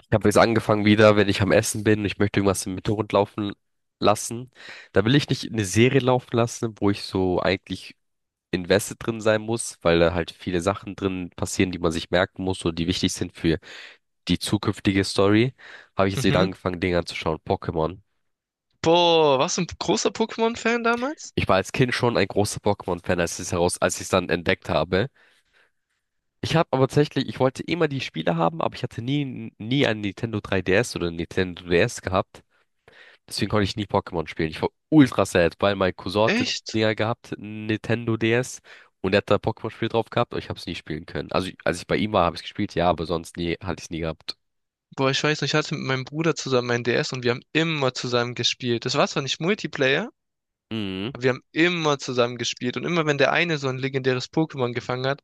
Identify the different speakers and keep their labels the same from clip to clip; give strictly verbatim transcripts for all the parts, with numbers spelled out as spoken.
Speaker 1: Ich habe jetzt angefangen wieder, wenn ich am Essen bin, ich möchte irgendwas im Hintergrund laufen lassen. Da will ich nicht eine Serie laufen lassen, wo ich so eigentlich invested drin sein muss, weil da halt viele Sachen drin passieren, die man sich merken muss oder die wichtig sind für die zukünftige Story. Habe ich jetzt wieder
Speaker 2: Mhm.
Speaker 1: angefangen, Dinge anzuschauen. Pokémon.
Speaker 2: Boah, warst du ein großer Pokémon-Fan damals?
Speaker 1: Ich war als Kind schon ein großer Pokémon-Fan, als ich es heraus, als ich es dann entdeckt habe. Ich habe aber tatsächlich, ich wollte immer die Spiele haben, aber ich hatte nie, nie ein Nintendo drei D S oder ein Nintendo D S gehabt. Deswegen konnte ich nie Pokémon spielen. Ich war ultra sad, weil mein Cousin hatte
Speaker 2: Echt?
Speaker 1: Dinger gehabt, Nintendo D S, und er hat da Pokémon-Spiel drauf gehabt, aber ich habe es nie spielen können. Also, als ich bei ihm war, habe ich gespielt, ja, aber sonst nie, hatte ich es nie gehabt.
Speaker 2: Boah, ich weiß nicht, ich hatte mit meinem Bruder zusammen ein D S und wir haben immer zusammen gespielt. Das war zwar nicht Multiplayer,
Speaker 1: Mhm.
Speaker 2: aber Wir haben immer zusammen gespielt, und immer wenn der eine so ein legendäres Pokémon gefangen hat,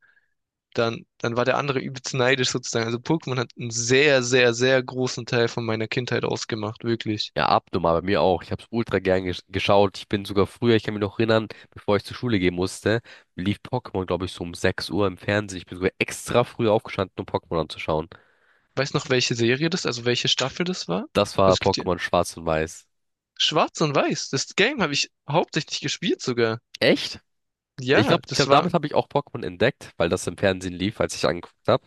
Speaker 2: dann, dann war der andere übelst neidisch sozusagen. Also Pokémon hat einen sehr, sehr, sehr großen Teil von meiner Kindheit ausgemacht, wirklich.
Speaker 1: Ja, abnormal, bei mir auch. Ich habe es ultra gern gesch geschaut. Ich bin sogar früher, ich kann mich noch erinnern, bevor ich zur Schule gehen musste, lief Pokémon, glaube ich, so um sechs Uhr im Fernsehen. Ich bin sogar extra früh aufgestanden, um Pokémon anzuschauen.
Speaker 2: Weiß noch, welche Serie das, also welche Staffel das war?
Speaker 1: Das war
Speaker 2: Also es gibt hier
Speaker 1: Pokémon Schwarz und Weiß.
Speaker 2: Schwarz und Weiß. Das Game habe ich hauptsächlich gespielt sogar.
Speaker 1: Echt? Ich
Speaker 2: Ja,
Speaker 1: glaube, ich
Speaker 2: das
Speaker 1: glaub,
Speaker 2: war.
Speaker 1: damit habe ich auch Pokémon entdeckt, weil das im Fernsehen lief, als ich angeguckt habe.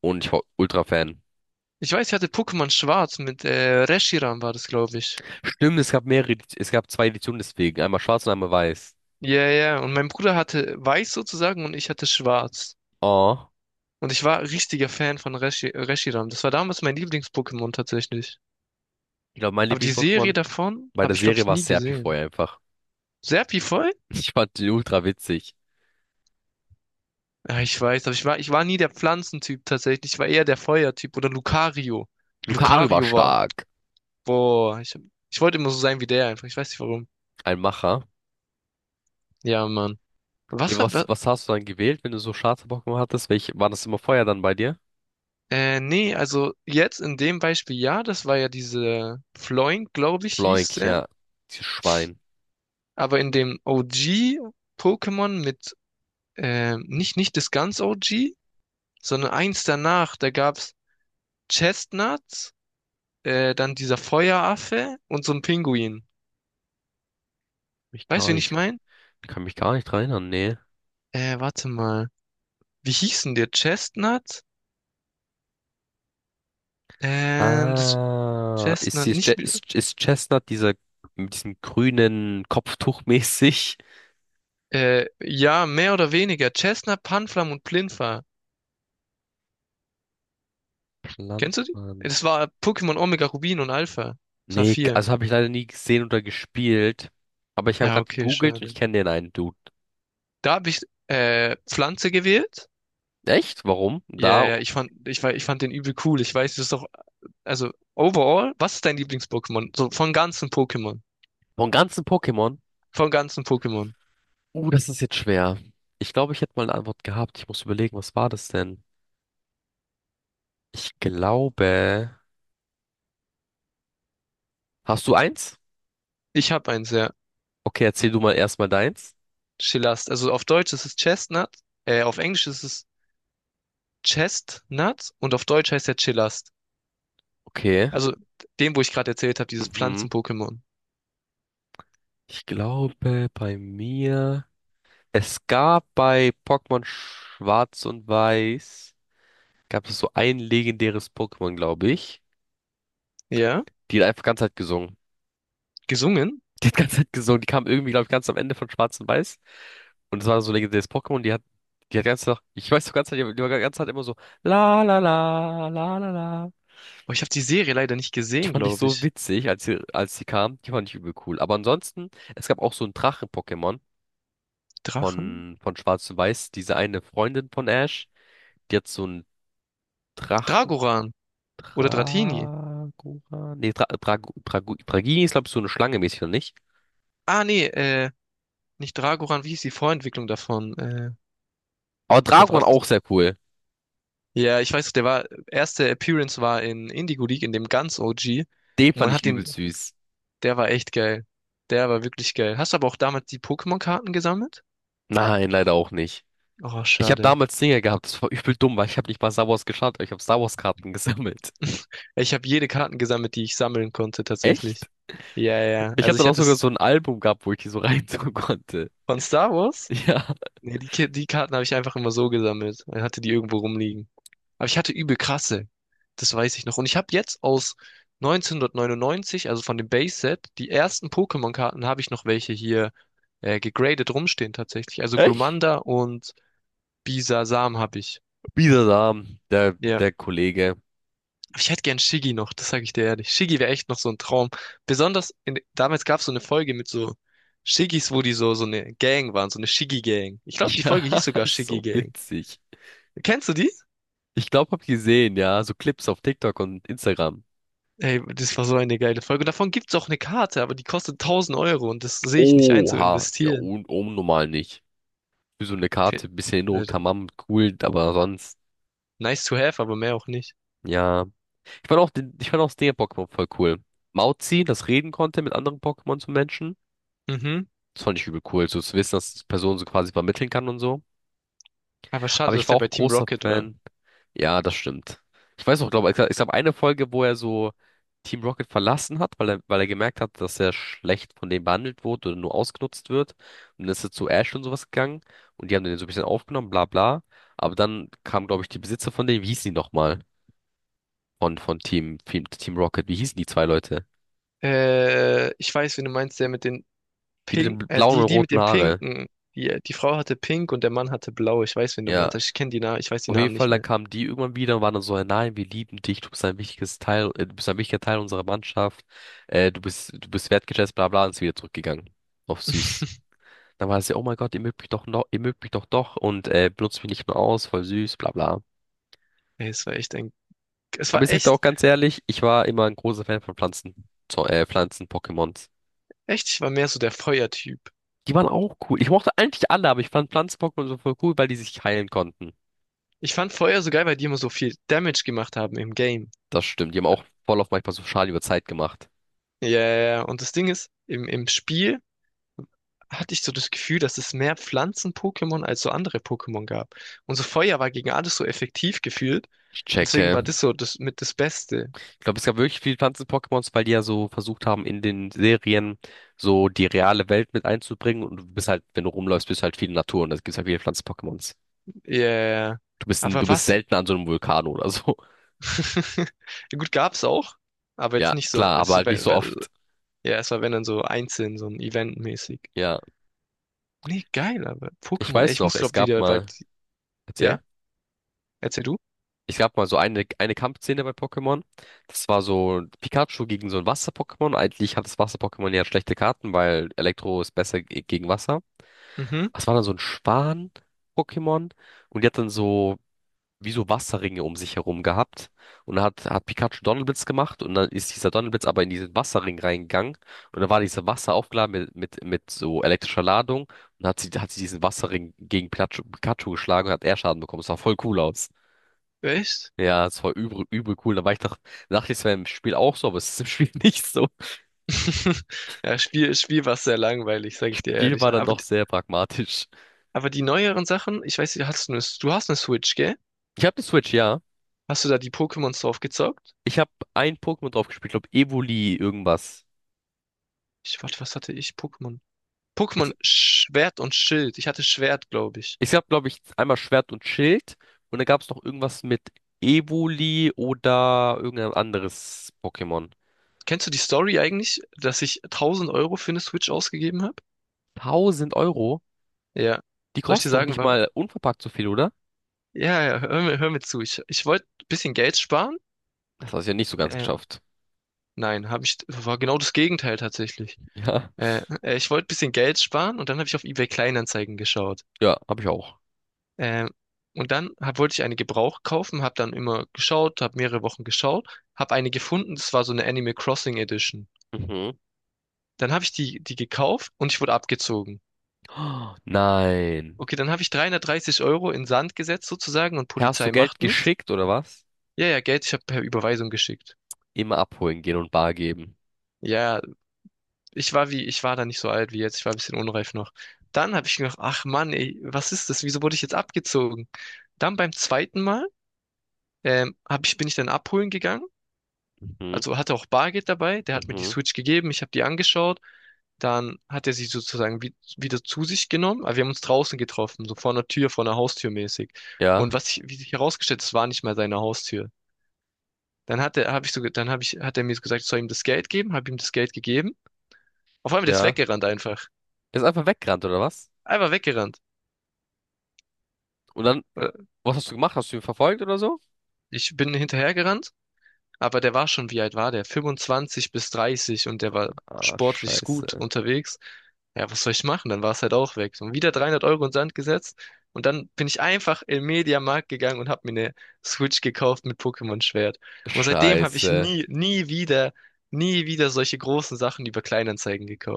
Speaker 1: Und ich war Ultra-Fan.
Speaker 2: Ich weiß, ich hatte Pokémon Schwarz mit äh, Reshiram war das, glaube ich.
Speaker 1: Stimmt, es gab mehrere, Edi- es gab zwei Editionen deswegen. Einmal schwarz und einmal weiß.
Speaker 2: Ja, ja. Und mein Bruder hatte Weiß sozusagen und ich hatte Schwarz.
Speaker 1: Oh,
Speaker 2: Und ich war richtiger Fan von Reshi Reshiram. Das war damals mein Lieblings-Pokémon tatsächlich.
Speaker 1: ich glaube, mein
Speaker 2: Aber die Serie
Speaker 1: Lieblings-Pokémon
Speaker 2: davon
Speaker 1: bei
Speaker 2: habe
Speaker 1: der
Speaker 2: ich, glaube
Speaker 1: Serie
Speaker 2: ich,
Speaker 1: war
Speaker 2: nie
Speaker 1: Serpifeu
Speaker 2: gesehen.
Speaker 1: einfach.
Speaker 2: Serpifeu?
Speaker 1: Ich fand den ultra witzig.
Speaker 2: Ja, ich weiß, aber ich war, ich war nie der Pflanzentyp tatsächlich. Ich war eher der Feuertyp oder Lucario.
Speaker 1: Lucario war
Speaker 2: Lucario war.
Speaker 1: stark.
Speaker 2: Boah, ich, ich wollte immer so sein wie der einfach. Ich weiß nicht warum.
Speaker 1: Ein Macher.
Speaker 2: Ja, Mann.
Speaker 1: Nee,
Speaker 2: Was war,
Speaker 1: was,
Speaker 2: wa-
Speaker 1: was hast du dann gewählt, wenn du so schwarze Pokémon hattest? Welche, war das immer Feuer dann bei dir?
Speaker 2: äh, nee, also jetzt in dem Beispiel, ja, das war ja diese Floink, glaube ich, hieß
Speaker 1: Floink,
Speaker 2: der.
Speaker 1: ja. Dieses Schwein.
Speaker 2: Aber in dem O G-Pokémon mit, äh, nicht, nicht das ganz O G, sondern eins danach, da gab's Chestnuts, äh, dann dieser Feueraffe und so ein Pinguin.
Speaker 1: Mich
Speaker 2: Weißt
Speaker 1: gar
Speaker 2: du, wen ich
Speaker 1: nicht,
Speaker 2: mein?
Speaker 1: ich kann mich gar nicht dran erinnern, nee.
Speaker 2: Äh, warte mal. Wie hießen der? Chestnut? Ähm, das
Speaker 1: Ah, ist,
Speaker 2: Chestnut,
Speaker 1: ist,
Speaker 2: nicht,
Speaker 1: ist, ist Chestnut dieser mit diesem grünen Kopftuch mäßig?
Speaker 2: äh, ja, mehr oder weniger. Chestnut, Panflam und Plinfa. Kennst du die?
Speaker 1: Landmann.
Speaker 2: Das war Pokémon Omega Rubin und Alpha.
Speaker 1: Nee,
Speaker 2: Saphir.
Speaker 1: also habe ich leider nie gesehen oder gespielt. Aber ich habe
Speaker 2: Ja,
Speaker 1: gerade
Speaker 2: okay,
Speaker 1: gegoogelt und ich
Speaker 2: schade.
Speaker 1: kenne den einen Dude.
Speaker 2: Da habe ich, äh, Pflanze gewählt.
Speaker 1: Echt? Warum?
Speaker 2: Ja,
Speaker 1: Da,
Speaker 2: ja, ich fand, ich, war- ich fand den übel cool. Ich weiß, das ist doch. Also overall, was ist dein Lieblings-Pokémon? So von ganzen Pokémon.
Speaker 1: von ganzen Pokémon?
Speaker 2: Von ganzen Pokémon.
Speaker 1: Uh, das ist jetzt schwer. Ich glaube, ich hätte mal eine Antwort gehabt. Ich muss überlegen, was war das denn? Ich glaube. Hast du eins?
Speaker 2: Ich habe eins, ja.
Speaker 1: Okay, erzähl du mal erstmal deins.
Speaker 2: Chillast. Also auf Deutsch ist es Chestnut, äh, auf Englisch ist es Chestnut, und auf Deutsch heißt er Chillast.
Speaker 1: Okay.
Speaker 2: Also dem, wo ich gerade erzählt habe, dieses
Speaker 1: Mhm.
Speaker 2: Pflanzen-Pokémon.
Speaker 1: Ich glaube, bei mir. Es gab bei Pokémon Schwarz und Weiß. Gab es so ein legendäres Pokémon, glaube ich.
Speaker 2: Ja,
Speaker 1: Die hat einfach ganze Zeit gesungen.
Speaker 2: gesungen.
Speaker 1: Die hat ganze Zeit gesungen. Die kam irgendwie, glaube ich, ganz am Ende von Schwarz und Weiß. Und es war so ein legendäres Pokémon. Die hat, die hat ganze Zeit, ich weiß so ganze Zeit, die war ganze Zeit immer so, la la la, la la la.
Speaker 2: Aber ich habe die Serie leider nicht
Speaker 1: Die
Speaker 2: gesehen,
Speaker 1: fand ich
Speaker 2: glaube
Speaker 1: so
Speaker 2: ich.
Speaker 1: witzig, als sie, als sie kam. Die fand ich übel cool. Aber ansonsten, es gab auch so ein Drachen-Pokémon
Speaker 2: Drachen?
Speaker 1: von, von Schwarz und Weiß. Diese eine Freundin von Ash, die hat so einen Drachen,
Speaker 2: Dragoran oder Dratini.
Speaker 1: Dragora, nee, Dra Drag Drag Dragini ist, glaube ich, so eine Schlange mäßig, oder nicht?
Speaker 2: Ah, nee, äh, nicht Dragoran, wie hieß die Vorentwicklung davon? Äh,
Speaker 1: Aber
Speaker 2: oder war
Speaker 1: Dragoran
Speaker 2: das?
Speaker 1: auch sehr cool.
Speaker 2: Ja, ich weiß, der war, erste Appearance war in Indigo League, in dem ganz O G.
Speaker 1: Den
Speaker 2: Und
Speaker 1: fand
Speaker 2: man
Speaker 1: ich
Speaker 2: hat
Speaker 1: übel
Speaker 2: den,
Speaker 1: süß.
Speaker 2: der war echt geil. Der war wirklich geil. Hast du aber auch damals die Pokémon-Karten gesammelt?
Speaker 1: Nein, leider auch nicht.
Speaker 2: Oh,
Speaker 1: Ich habe
Speaker 2: schade.
Speaker 1: damals Dinger gehabt, das war übel dumm, weil ich habe nicht mal Star Wars geschaut, aber ich habe Star Wars Karten gesammelt.
Speaker 2: Ich habe jede Karten gesammelt, die ich sammeln konnte, tatsächlich.
Speaker 1: Echt?
Speaker 2: Ja, ja, ja.
Speaker 1: Ich hatte
Speaker 2: Also
Speaker 1: dann
Speaker 2: ich
Speaker 1: auch
Speaker 2: hatte
Speaker 1: sogar
Speaker 2: es
Speaker 1: so ein Album gehabt, wo ich die so reintun konnte.
Speaker 2: von Star Wars.
Speaker 1: Ja,
Speaker 2: Nee, die, Ki- die Karten habe ich einfach immer so gesammelt. Ich hatte die irgendwo rumliegen. Aber ich hatte übel krasse. Das weiß ich noch. Und ich habe jetzt aus neunzehnhundertneunundneunzig, also von dem Base-Set, die ersten Pokémon-Karten habe ich noch welche hier äh, gegradet rumstehen tatsächlich. Also
Speaker 1: echt?
Speaker 2: Glumanda und Bisasam habe ich.
Speaker 1: Wieder da, der,
Speaker 2: Ja.
Speaker 1: der Kollege.
Speaker 2: Aber Ich hätte gern Shiggy noch, das sage ich dir ehrlich. Shiggy wäre echt noch so ein Traum. Besonders in, damals gab es so eine Folge mit so Shiggys, wo die so, so eine Gang waren, so eine Shiggy-Gang. Ich glaube, die Folge
Speaker 1: Ja,
Speaker 2: hieß sogar
Speaker 1: so
Speaker 2: Shiggy-Gang.
Speaker 1: witzig.
Speaker 2: Kennst du die?
Speaker 1: Ich glaube, hab gesehen, ja, so Clips auf TikTok und Instagram.
Speaker 2: Ey, das war so eine geile Folge. Davon gibt's auch eine Karte, aber die kostet tausend Euro und das sehe ich nicht ein zu
Speaker 1: Oha, ja,
Speaker 2: investieren.
Speaker 1: un unnormal nicht. Für so eine
Speaker 2: Fe-
Speaker 1: Karte, bisschen
Speaker 2: äh,
Speaker 1: Erinnerung, tamam, cool, aber sonst,
Speaker 2: Nice to have, aber mehr auch nicht.
Speaker 1: ja. Ich fand auch den, ich fand auch das den Pokémon voll cool. Mauzi, das reden konnte mit anderen Pokémon zu Menschen.
Speaker 2: Mhm.
Speaker 1: Das fand ich übel cool, so zu wissen, dass die Person so quasi vermitteln kann und so.
Speaker 2: Aber
Speaker 1: Aber
Speaker 2: schade,
Speaker 1: ich
Speaker 2: dass
Speaker 1: war
Speaker 2: er bei
Speaker 1: auch
Speaker 2: Team
Speaker 1: großer
Speaker 2: Rocket war.
Speaker 1: Fan. Ja, das stimmt. Ich weiß auch, glaube ich, ich glaube eine Folge, wo er so Team Rocket verlassen hat, weil er, weil er gemerkt hat, dass er schlecht von denen behandelt wurde oder nur ausgenutzt wird. Und dann ist er zu Ash und sowas gegangen und die haben den so ein bisschen aufgenommen, bla bla. Aber dann kam, glaube ich, die Besitzer von denen, wie hießen die nochmal? Von, von Team, Team Rocket, wie hießen die zwei Leute?
Speaker 2: Äh, ich weiß, wen du meinst, der mit den
Speaker 1: Die mit den
Speaker 2: Pink, äh,
Speaker 1: blauen und
Speaker 2: die, die mit
Speaker 1: roten
Speaker 2: dem
Speaker 1: Haare.
Speaker 2: Pinken. Die, die Frau hatte Pink und der Mann hatte Blau. Ich weiß, wen du
Speaker 1: Ja,
Speaker 2: meinst. Ich kenne die Namen, ich weiß die
Speaker 1: auf jeden
Speaker 2: Namen
Speaker 1: Fall,
Speaker 2: nicht
Speaker 1: dann
Speaker 2: mehr.
Speaker 1: kamen die irgendwann wieder und waren dann so, "Hey, nein, wir lieben dich, du bist ein wichtiges Teil, äh, du bist ein wichtiger Teil unserer Mannschaft, äh, du bist, du bist wertgeschätzt, bla bla, und ist wieder zurückgegangen. Auf süß. Dann war es ja, oh mein Gott, ihr mögt mich doch noch, ihr mögt mich doch doch und äh, benutzt mich nicht nur aus, voll süß, bla bla.
Speaker 2: Ey, es war echt ein, es
Speaker 1: Aber
Speaker 2: war
Speaker 1: ich sag dir auch
Speaker 2: echt,
Speaker 1: ganz ehrlich, ich war immer ein großer Fan von Pflanzen, so, äh, Pflanzen-Pokémons.
Speaker 2: echt, ich war mehr so der Feuertyp.
Speaker 1: Die waren auch cool. Ich mochte eigentlich alle, aber ich fand Pflanzen-Pokémon so voll cool, weil die sich heilen konnten.
Speaker 2: Ich fand Feuer so geil, weil die immer so viel Damage gemacht haben im Game.
Speaker 1: Das stimmt. Die haben auch voll auf manchmal so Schaden über Zeit gemacht.
Speaker 2: Ja, ja, ja. Und das Ding ist, im, im Spiel hatte ich so das Gefühl, dass es mehr Pflanzen-Pokémon als so andere Pokémon gab. Und so Feuer war gegen alles so effektiv gefühlt.
Speaker 1: Ich
Speaker 2: Und deswegen
Speaker 1: checke.
Speaker 2: war das so das mit das Beste.
Speaker 1: Ich glaube, es gab wirklich viele Pflanzen-Pokémons, weil die ja so versucht haben, in den Serien so die reale Welt mit einzubringen. Und du bist halt, wenn du rumläufst, bist du halt viel in der Natur und das gibt's halt viele Pflanzen-Pokémons.
Speaker 2: Ja, ja, ja.
Speaker 1: Du bist, n- du
Speaker 2: Aber
Speaker 1: bist
Speaker 2: was?
Speaker 1: selten an so einem Vulkan oder so.
Speaker 2: Ja, gut, gab's auch, aber jetzt
Speaker 1: Ja,
Speaker 2: nicht so.
Speaker 1: klar, aber
Speaker 2: Es,
Speaker 1: halt nicht
Speaker 2: wär-
Speaker 1: so
Speaker 2: wär-
Speaker 1: oft.
Speaker 2: ja, es war wenn dann so einzeln, so ein Event-mäßig.
Speaker 1: Ja.
Speaker 2: Nee, geil, aber
Speaker 1: Ich
Speaker 2: Pokémon, ey,
Speaker 1: weiß
Speaker 2: ich
Speaker 1: noch,
Speaker 2: muss
Speaker 1: es
Speaker 2: glaub
Speaker 1: gab
Speaker 2: wieder, weil,
Speaker 1: mal, erzähl,
Speaker 2: ja, erzähl du.
Speaker 1: es gab mal so eine, eine Kampfszene bei Pokémon. Das war so Pikachu gegen so ein Wasser-Pokémon. Eigentlich hat das Wasser-Pokémon ja schlechte Karten, weil Elektro ist besser ge- gegen Wasser.
Speaker 2: Mhm,
Speaker 1: Das war dann so ein Schwan-Pokémon und die hat dann so wie so Wasserringe um sich herum gehabt. Und da hat, hat Pikachu Donnerblitz gemacht und dann ist dieser Donnerblitz aber in diesen Wasserring reingegangen und dann war dieses Wasser aufgeladen mit, mit, mit so elektrischer Ladung und hat sie, hat sie diesen Wasserring gegen Pikachu, Pikachu geschlagen und hat er Schaden bekommen. Das sah voll cool aus.
Speaker 2: echt?
Speaker 1: Ja, es war übel, übel cool. Da war ich dacht- dachte, es wäre im Spiel auch so, aber es ist im Spiel nicht so.
Speaker 2: Ja, Spiel, Spiel war sehr langweilig, sag
Speaker 1: Das
Speaker 2: ich dir
Speaker 1: Spiel war
Speaker 2: ehrlich.
Speaker 1: dann
Speaker 2: Aber
Speaker 1: doch sehr pragmatisch.
Speaker 2: Aber die neueren Sachen, ich weiß nicht, hast du eine, du hast eine Switch, gell?
Speaker 1: Ich habe die Switch, ja.
Speaker 2: Hast du da die Pokémons drauf gezockt?
Speaker 1: Ich habe ein Pokémon drauf gespielt, glaube Evoli irgendwas.
Speaker 2: Ich, warte, was hatte ich? Pokémon.
Speaker 1: Ich,
Speaker 2: Pokémon
Speaker 1: gl-
Speaker 2: Schwert und Schild. Ich hatte Schwert, glaube ich.
Speaker 1: ich habe, glaube ich, einmal Schwert und Schild und dann gab es noch irgendwas mit Evoli oder irgendein anderes Pokémon.
Speaker 2: Kennst du die Story eigentlich, dass ich tausend Euro für eine Switch ausgegeben habe?
Speaker 1: Tausend Euro?
Speaker 2: Ja.
Speaker 1: Die
Speaker 2: Soll ich dir
Speaker 1: kosten doch
Speaker 2: sagen,
Speaker 1: nicht
Speaker 2: warum?
Speaker 1: mal unverpackt so viel, oder?
Speaker 2: Ja, ja, hör mir, hör mir zu. Ich, ich wollte ein bisschen Geld sparen.
Speaker 1: Das hast du ja nicht so ganz
Speaker 2: Äh,
Speaker 1: geschafft.
Speaker 2: nein, habe ich, war genau das Gegenteil tatsächlich.
Speaker 1: Ja,
Speaker 2: Äh, äh, ich wollte ein bisschen Geld sparen und dann habe ich auf eBay Kleinanzeigen geschaut.
Speaker 1: ja, habe ich auch.
Speaker 2: Ähm, und dann hab, wollte ich eine Gebrauch kaufen, habe dann immer geschaut, habe mehrere Wochen geschaut, habe eine gefunden, das war so eine Animal Crossing Edition.
Speaker 1: Mhm.
Speaker 2: Dann habe ich die, die gekauft und ich wurde abgezogen.
Speaker 1: Oh, nein.
Speaker 2: Okay, dann habe ich dreihundertdreißig Euro in Sand gesetzt sozusagen und
Speaker 1: Hast du
Speaker 2: Polizei
Speaker 1: Geld
Speaker 2: macht nichts.
Speaker 1: geschickt oder was?
Speaker 2: Ja, ja, Geld, ich habe per Überweisung geschickt.
Speaker 1: Immer abholen gehen und bar geben.
Speaker 2: Ja, ich war wie, ich war da nicht so alt wie jetzt, ich war ein bisschen unreif noch. Dann habe ich gedacht, ach Mann, ey, was ist das? Wieso wurde ich jetzt abgezogen? Dann beim zweiten Mal ähm, hab ich, bin ich dann abholen gegangen.
Speaker 1: Mhm,
Speaker 2: Also hatte auch Bargeld dabei, der hat mir die
Speaker 1: mhm.
Speaker 2: Switch gegeben, ich habe die angeschaut. Dann hat er sie sozusagen wie, wieder zu sich genommen, aber wir haben uns draußen getroffen, so vor einer Tür, vor einer Haustür mäßig. Und
Speaker 1: Ja,
Speaker 2: was ich, wie sich herausgestellt, es war nicht mal seine Haustür. Dann hat er, habe ich so, ge- dann habe ich, hat er mir so gesagt, ich soll ihm das Geld geben, habe ihm das Geld gegeben. Auf einmal der ist
Speaker 1: ja.
Speaker 2: weggerannt einfach.
Speaker 1: Er ist einfach weggerannt oder was?
Speaker 2: Einfach weggerannt.
Speaker 1: Und dann?
Speaker 2: Äh,
Speaker 1: Was hast du gemacht? Hast du ihn verfolgt oder so?
Speaker 2: Ich bin hinterhergerannt. Aber der war schon, wie alt war der? fünfundzwanzig bis dreißig und der war
Speaker 1: Ah,
Speaker 2: sportlich gut
Speaker 1: scheiße.
Speaker 2: unterwegs. Ja, was soll ich machen? Dann war es halt auch weg. Und wieder dreihundert Euro in den Sand gesetzt. Und dann bin ich einfach im Mediamarkt gegangen und habe mir eine Switch gekauft mit Pokémon Schwert. Und seitdem habe ich
Speaker 1: Scheiße.
Speaker 2: nie, nie wieder, nie wieder solche großen Sachen über Kleinanzeigen gekauft.